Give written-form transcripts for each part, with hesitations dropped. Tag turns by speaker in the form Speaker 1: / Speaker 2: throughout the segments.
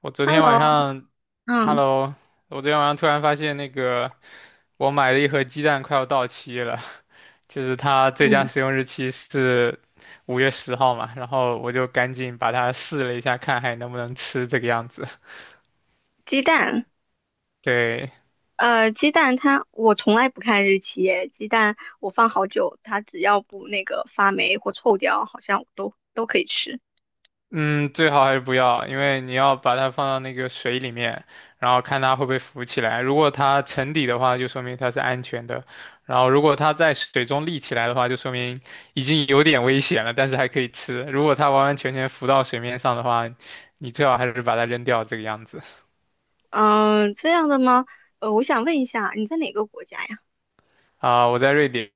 Speaker 1: 我昨天晚
Speaker 2: Hello，
Speaker 1: 上
Speaker 2: 嗯
Speaker 1: ，Hello，我昨天晚上突然发现我买了一盒鸡蛋快要到期了，就是它最佳
Speaker 2: 嗯，
Speaker 1: 使用日期是5月10号嘛，然后我就赶紧把它试了一下，看还能不能吃这个样子。
Speaker 2: 鸡蛋，
Speaker 1: 对，
Speaker 2: 鸡蛋它我从来不看日期耶，鸡蛋我放好久，它只要不那个发霉或臭掉，好像我都可以吃。
Speaker 1: 嗯，最好还是不要，因为你要把它放到那个水里面，然后看它会不会浮起来。如果它沉底的话，就说明它是安全的；然后如果它在水中立起来的话，就说明已经有点危险了，但是还可以吃。如果它完完全全浮到水面上的话，你最好还是把它扔掉，这个样子。
Speaker 2: 嗯，这样的吗？我想问一下，你在哪个国家呀？
Speaker 1: 啊、我在瑞典。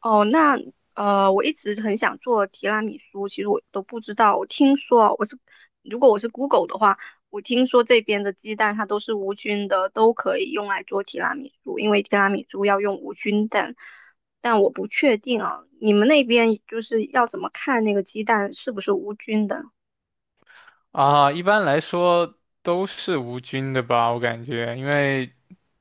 Speaker 2: 哦，那我一直很想做提拉米苏，其实我都不知道。我听说我是，如果我是 Google 的话，我听说这边的鸡蛋它都是无菌的，都可以用来做提拉米苏，因为提拉米苏要用无菌蛋。但我不确定啊，你们那边就是要怎么看那个鸡蛋是不是无菌的？
Speaker 1: 啊、一般来说都是无菌的吧，我感觉，因为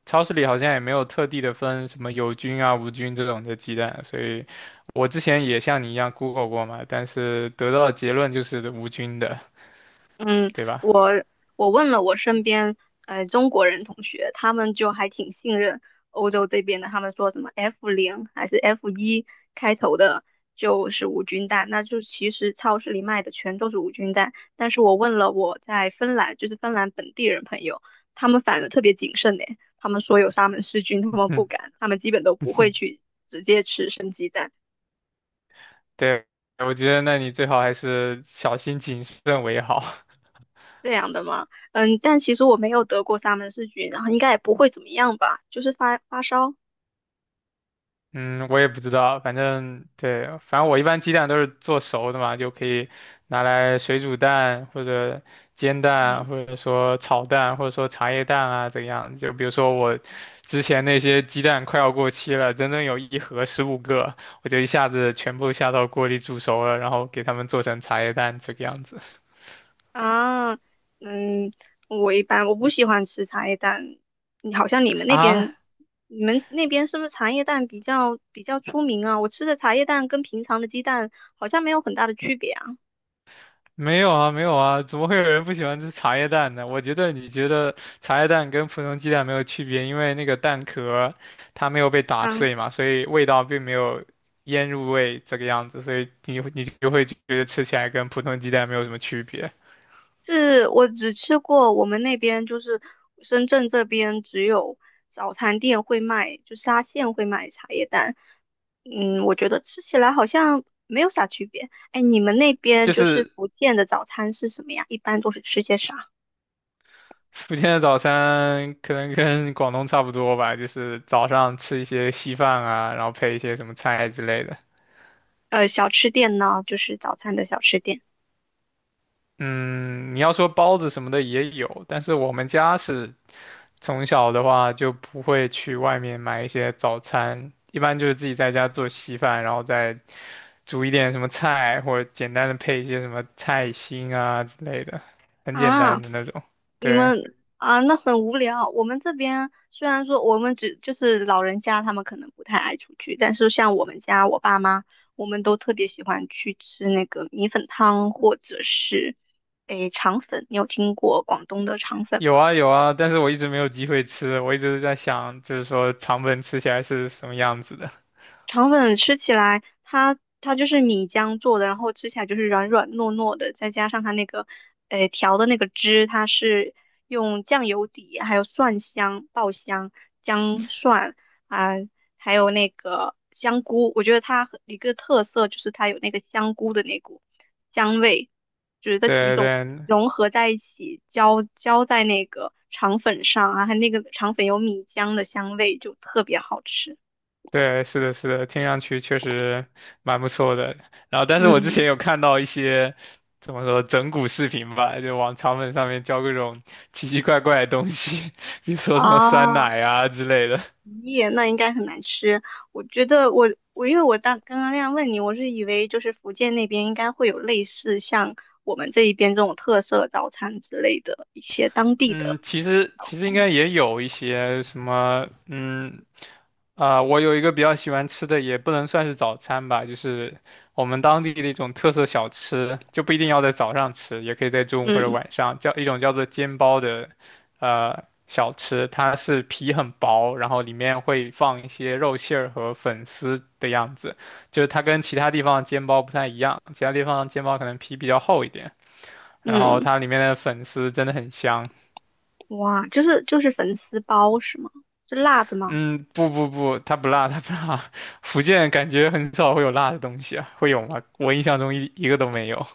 Speaker 1: 超市里好像也没有特地的分什么有菌啊、无菌这种的鸡蛋，所以我之前也像你一样 Google 过嘛，但是得到的结论就是无菌的，
Speaker 2: 嗯，
Speaker 1: 对吧？
Speaker 2: 我我问了我身边中国人同学，他们就还挺信任欧洲这边的，他们说什么 F 零还是 F 一开头的，就是无菌蛋，那就其实超市里卖的全都是无菌蛋。但是我问了我在芬兰，就是芬兰本地人朋友，他们反而特别谨慎呢，他们说有沙门氏菌，他 们不
Speaker 1: 嗯，
Speaker 2: 敢，他们基本都不会去直接吃生鸡蛋。
Speaker 1: 对，我觉得那你最好还是小心谨慎为好。
Speaker 2: 这样的吗？嗯，但其实我没有得过沙门氏菌，然后应该也不会怎么样吧，就是发发烧。
Speaker 1: 嗯，我也不知道，反正对，反正我一般鸡蛋都是做熟的嘛，就可以拿来水煮蛋或者煎蛋，
Speaker 2: 嗯
Speaker 1: 或者说炒蛋，或者说茶叶蛋啊，怎样？就比如说我之前那些鸡蛋快要过期了，整整有一盒15个，我就一下子全部下到锅里煮熟了，然后给它们做成茶叶蛋这个样子
Speaker 2: 啊，嗯，我一般我不喜欢吃茶叶蛋，你好像你们那
Speaker 1: 啊。
Speaker 2: 边，你们那边是不是茶叶蛋比较出名啊？我吃的茶叶蛋跟平常的鸡蛋好像没有很大的区别啊。
Speaker 1: 没有啊，没有啊，怎么会有人不喜欢吃茶叶蛋呢？我觉得你觉得茶叶蛋跟普通鸡蛋没有区别，因为那个蛋壳它没有被打碎
Speaker 2: 啊。
Speaker 1: 嘛，所以味道并没有腌入味这个样子，所以你就会觉得吃起来跟普通鸡蛋没有什么区别。
Speaker 2: 是我只吃过我们那边就是深圳这边只有早餐店会卖，就沙县会卖茶叶蛋。嗯，我觉得吃起来好像没有啥区别。哎，你们那边
Speaker 1: 就
Speaker 2: 就是
Speaker 1: 是
Speaker 2: 福建的早餐是什么呀？一般都是吃些啥？
Speaker 1: 福建的早餐可能跟广东差不多吧，就是早上吃一些稀饭啊，然后配一些什么菜之类的。
Speaker 2: 小吃店呢，就是早餐的小吃店
Speaker 1: 嗯，你要说包子什么的也有，但是我们家是从小的话就不会去外面买一些早餐，一般就是自己在家做稀饭，然后再煮一点什么菜，或者简单的配一些什么菜心啊之类的，很简单
Speaker 2: 啊。
Speaker 1: 的那种。
Speaker 2: 你
Speaker 1: 对，
Speaker 2: 们啊，那很无聊。我们这边虽然说我们只就是老人家，他们可能不太爱出去，但是像我们家我爸妈，我们都特别喜欢去吃那个米粉汤或者是诶肠粉。你有听过广东的肠粉
Speaker 1: 有
Speaker 2: 吗？
Speaker 1: 啊有啊，但是我一直没有机会吃，我一直在想，就是说肠粉吃起来是什么样子的。
Speaker 2: 肠粉吃起来，它就是米浆做的，然后吃起来就是软软糯糯的，再加上它那个，调的那个汁，它是用酱油底，还有蒜香、爆香、姜蒜啊、还有那个香菇。我觉得它很一个特色就是它有那个香菇的那股香味，就是这几
Speaker 1: 对
Speaker 2: 种
Speaker 1: 对，
Speaker 2: 融合在一起，浇在那个肠粉上啊，它那个肠粉有米浆的香味，就特别好吃。
Speaker 1: 对，是的，是的，听上去确实蛮不错的。然后，但是我之前
Speaker 2: 嗯。
Speaker 1: 有看到一些怎么说整蛊视频吧，就往肠粉上面浇各种奇奇怪怪的东西，比如说什么酸
Speaker 2: 啊，
Speaker 1: 奶啊之类的。
Speaker 2: 耶，那应该很难吃。我觉得我因为我当刚刚那样问你，我是以为就是福建那边应该会有类似像我们这一边这种特色早餐之类的一些当地的，
Speaker 1: 嗯，其实应该也有一些什么，嗯，啊、我有一个比较喜欢吃的，也不能算是早餐吧，就是我们当地的一种特色小吃，就不一定要在早上吃，也可以在中午或者
Speaker 2: 嗯
Speaker 1: 晚上，叫一种叫做煎包的，小吃，它是皮很薄，然后里面会放一些肉馅儿和粉丝的样子，就是它跟其他地方的煎包不太一样，其他地方的煎包可能皮比较厚一点，然后
Speaker 2: 嗯，
Speaker 1: 它里面的粉丝真的很香。
Speaker 2: 哇，就是粉丝包是吗？是辣的吗？
Speaker 1: 嗯，不不不，它不辣，它不辣。福建感觉很少会有辣的东西啊，会有吗？我印象中一个都没有。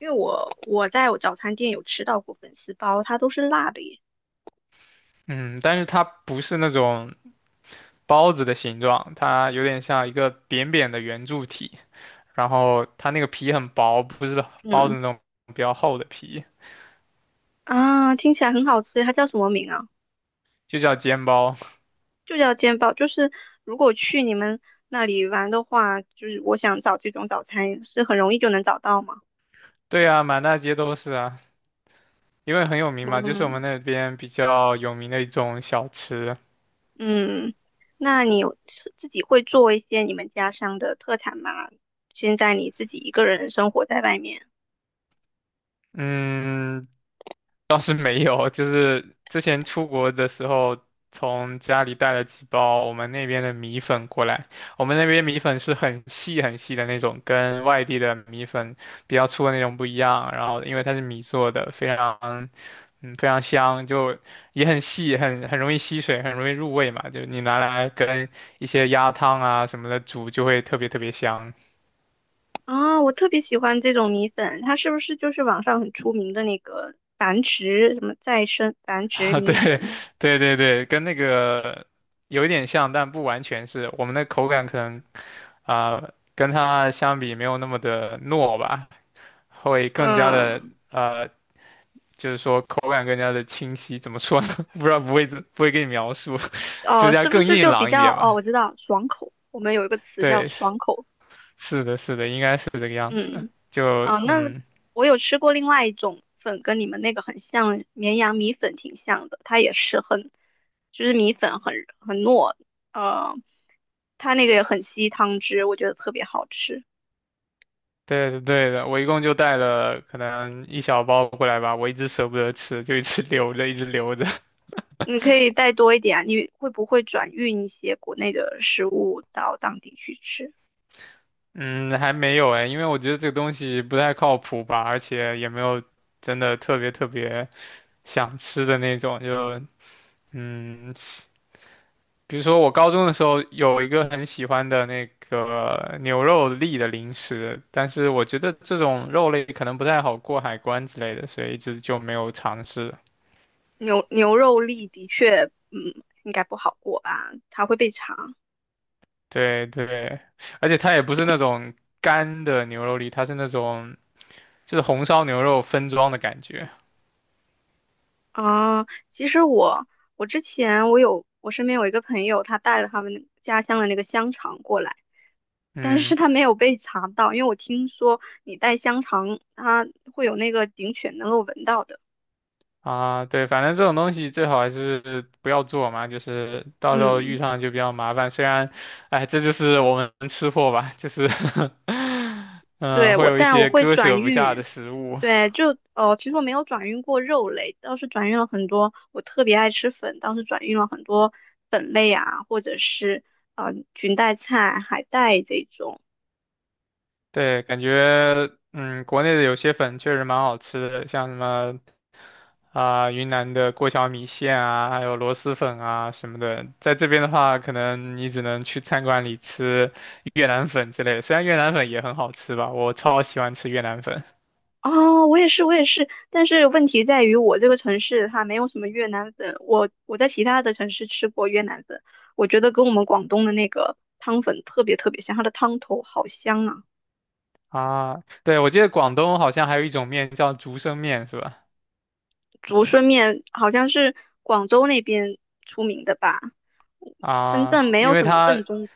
Speaker 2: 因为我在我早餐店有吃到过粉丝包，它都是辣的耶。
Speaker 1: 嗯，但是它不是那种包子的形状，它有点像一个扁扁的圆柱体，然后它那个皮很薄，不是包子
Speaker 2: 嗯
Speaker 1: 那种比较厚的皮，
Speaker 2: 啊，听起来很好吃，它叫什么名啊？
Speaker 1: 就叫煎包。
Speaker 2: 就叫煎包，就是如果去你们那里玩的话，就是我想找这种早餐是很容易就能找到吗？
Speaker 1: 对啊，满大街都是啊，因为很有名嘛，就是我们
Speaker 2: 嗯
Speaker 1: 那边比较有名的一种小吃。
Speaker 2: 嗯，那你有自己会做一些你们家乡的特产吗？现在你自己一个人生活在外面
Speaker 1: 嗯，倒是没有，就是之前出国的时候，从家里带了几包我们那边的米粉过来。我们那边米粉是很细很细的那种，跟外地的米粉比较粗的那种不一样。然后因为它是米做的，非常非常香，就也很细，很容易吸水，很容易入味嘛。就你拿来跟一些鸭汤啊什么的煮，就会特别特别香。
Speaker 2: 啊，我特别喜欢这种米粉，它是不是就是网上很出名的那个繁殖什么再生繁殖
Speaker 1: 啊，
Speaker 2: 米
Speaker 1: 对
Speaker 2: 粉？
Speaker 1: 对对对，跟那个有一点像，但不完全是。我们的口感可能啊、跟它相比没有那么的糯吧，会更加的
Speaker 2: 嗯，
Speaker 1: 呃，就是说口感更加的清晰。怎么说呢？不知道不会给你描述，就
Speaker 2: 哦，
Speaker 1: 是要
Speaker 2: 是不
Speaker 1: 更
Speaker 2: 是
Speaker 1: 硬
Speaker 2: 就比
Speaker 1: 朗一
Speaker 2: 较
Speaker 1: 点
Speaker 2: 哦？
Speaker 1: 吧。
Speaker 2: 我知道，爽口，我们有一个词叫
Speaker 1: 对，是
Speaker 2: 爽口。
Speaker 1: 是的，是的，应该是这个样子。
Speaker 2: 嗯，
Speaker 1: 就
Speaker 2: 啊，那
Speaker 1: 嗯，
Speaker 2: 我有吃过另外一种粉，跟你们那个很像，绵阳米粉挺像的，它也是很，就是米粉很糯，呃，它那个也很吸汤汁，我觉得特别好吃。
Speaker 1: 对的对的，我一共就带了可能一小包过来吧，我一直舍不得吃，就一直留着，一直留着。
Speaker 2: 你可以带多一点啊，你会不会转运一些国内的食物到当地去吃？
Speaker 1: 嗯，还没有哎，因为我觉得这个东西不太靠谱吧，而且也没有真的特别特别想吃的那种，就嗯，比如说我高中的时候有一个很喜欢的那个牛肉粒的零食，但是我觉得这种肉类可能不太好过海关之类的，所以一直就没有尝试。
Speaker 2: 牛肉粒的确，嗯，应该不好过吧，它会被查。
Speaker 1: 对对，而且它也不是那种干的牛肉粒，它是那种就是红烧牛肉分装的感觉。
Speaker 2: 啊，其实我之前我身边有一个朋友，他带了他们家乡的那个香肠过来，但是
Speaker 1: 嗯。
Speaker 2: 他没有被查到，因为我听说你带香肠，它会有那个警犬能够闻到的。
Speaker 1: 啊，对，反正这种东西最好还是不要做嘛，就是到时候遇
Speaker 2: 嗯，
Speaker 1: 上就比较麻烦。虽然，哎，这就是我们吃货吧，就是 嗯，
Speaker 2: 对，
Speaker 1: 会
Speaker 2: 我
Speaker 1: 有一
Speaker 2: 但我
Speaker 1: 些
Speaker 2: 会
Speaker 1: 割
Speaker 2: 转
Speaker 1: 舍不下的
Speaker 2: 运，
Speaker 1: 食物。
Speaker 2: 对，就哦，其实我没有转运过肉类，倒是转运了很多，我特别爱吃粉，当时转运了很多粉类啊，或者是裙带菜、海带这种。
Speaker 1: 对，感觉嗯，国内的有些粉确实蛮好吃的，像什么啊、云南的过桥米线啊，还有螺蛳粉啊什么的。在这边的话，可能你只能去餐馆里吃越南粉之类的，虽然越南粉也很好吃吧，我超喜欢吃越南粉。
Speaker 2: 哦，我也是，我也是，但是问题在于我这个城市它没有什么越南粉，我在其他的城市吃过越南粉，我觉得跟我们广东的那个汤粉特别特别像，它的汤头好香啊！
Speaker 1: 啊，对，我记得广东好像还有一种面叫竹升面，是吧？
Speaker 2: 竹荪面好像是广州那边出名的吧，深
Speaker 1: 啊，
Speaker 2: 圳没
Speaker 1: 因
Speaker 2: 有
Speaker 1: 为
Speaker 2: 什么
Speaker 1: 它
Speaker 2: 正宗，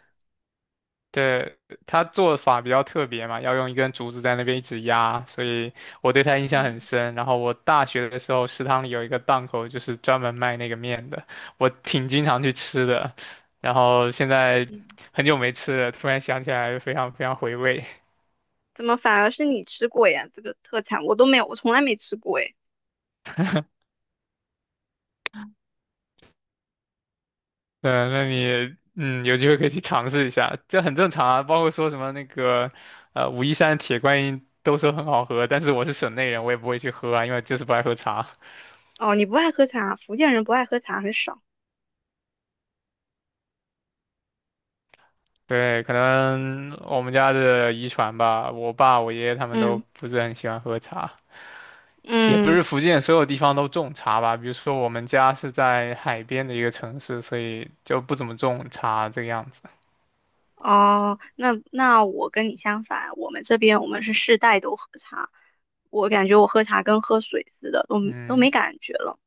Speaker 1: 对它做法比较特别嘛，要用一根竹子在那边一直压，所以我对它印象
Speaker 2: 嗯
Speaker 1: 很深。然后我大学的时候，食堂里有一个档口，就是专门卖那个面的，我挺经常去吃的。然后现在
Speaker 2: 嗯，
Speaker 1: 很久没吃了，突然想起来，非常非常回味。
Speaker 2: 怎么反而是你吃过呀？这个特产我都没有，我从来没吃过哎。
Speaker 1: 嗯，那你嗯，有机会可以去尝试一下，这很正常啊。包括说什么那个，武夷山铁观音都说很好喝，但是我是省内人，我也不会去喝啊，因为就是不爱喝茶。
Speaker 2: 哦，你不爱喝茶，福建人不爱喝茶很少。
Speaker 1: 对，可能我们家的遗传吧，我爸、我爷爷他们都
Speaker 2: 嗯
Speaker 1: 不是很喜欢喝茶，也不
Speaker 2: 嗯，
Speaker 1: 是福建所有地方都种茶吧。比如说我们家是在海边的一个城市，所以就不怎么种茶这个样子。
Speaker 2: 哦，那我跟你相反，我们这边我们是世代都喝茶，我感觉我喝茶跟喝水似的，都
Speaker 1: 嗯。
Speaker 2: 没感觉了。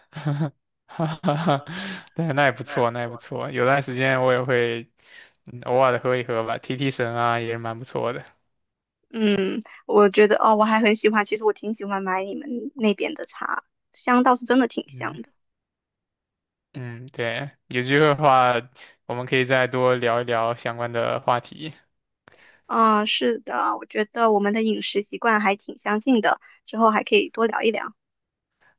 Speaker 1: 哈哈哈，对，那也不错，那也不错。有段时间我也会嗯，偶尔的喝一喝吧，提提神啊，也是蛮不错的。
Speaker 2: 嗯，我觉得哦，我还很喜欢，其实我挺喜欢买你们那边的茶，香倒是真的挺
Speaker 1: 嗯
Speaker 2: 香的。
Speaker 1: 嗯，对，有机会的话，我们可以再多聊一聊相关的话题。
Speaker 2: 嗯，是的，我觉得我们的饮食习惯还挺相近的，之后还可以多聊一聊。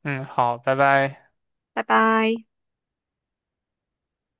Speaker 1: 嗯，好，拜拜。
Speaker 2: 拜拜。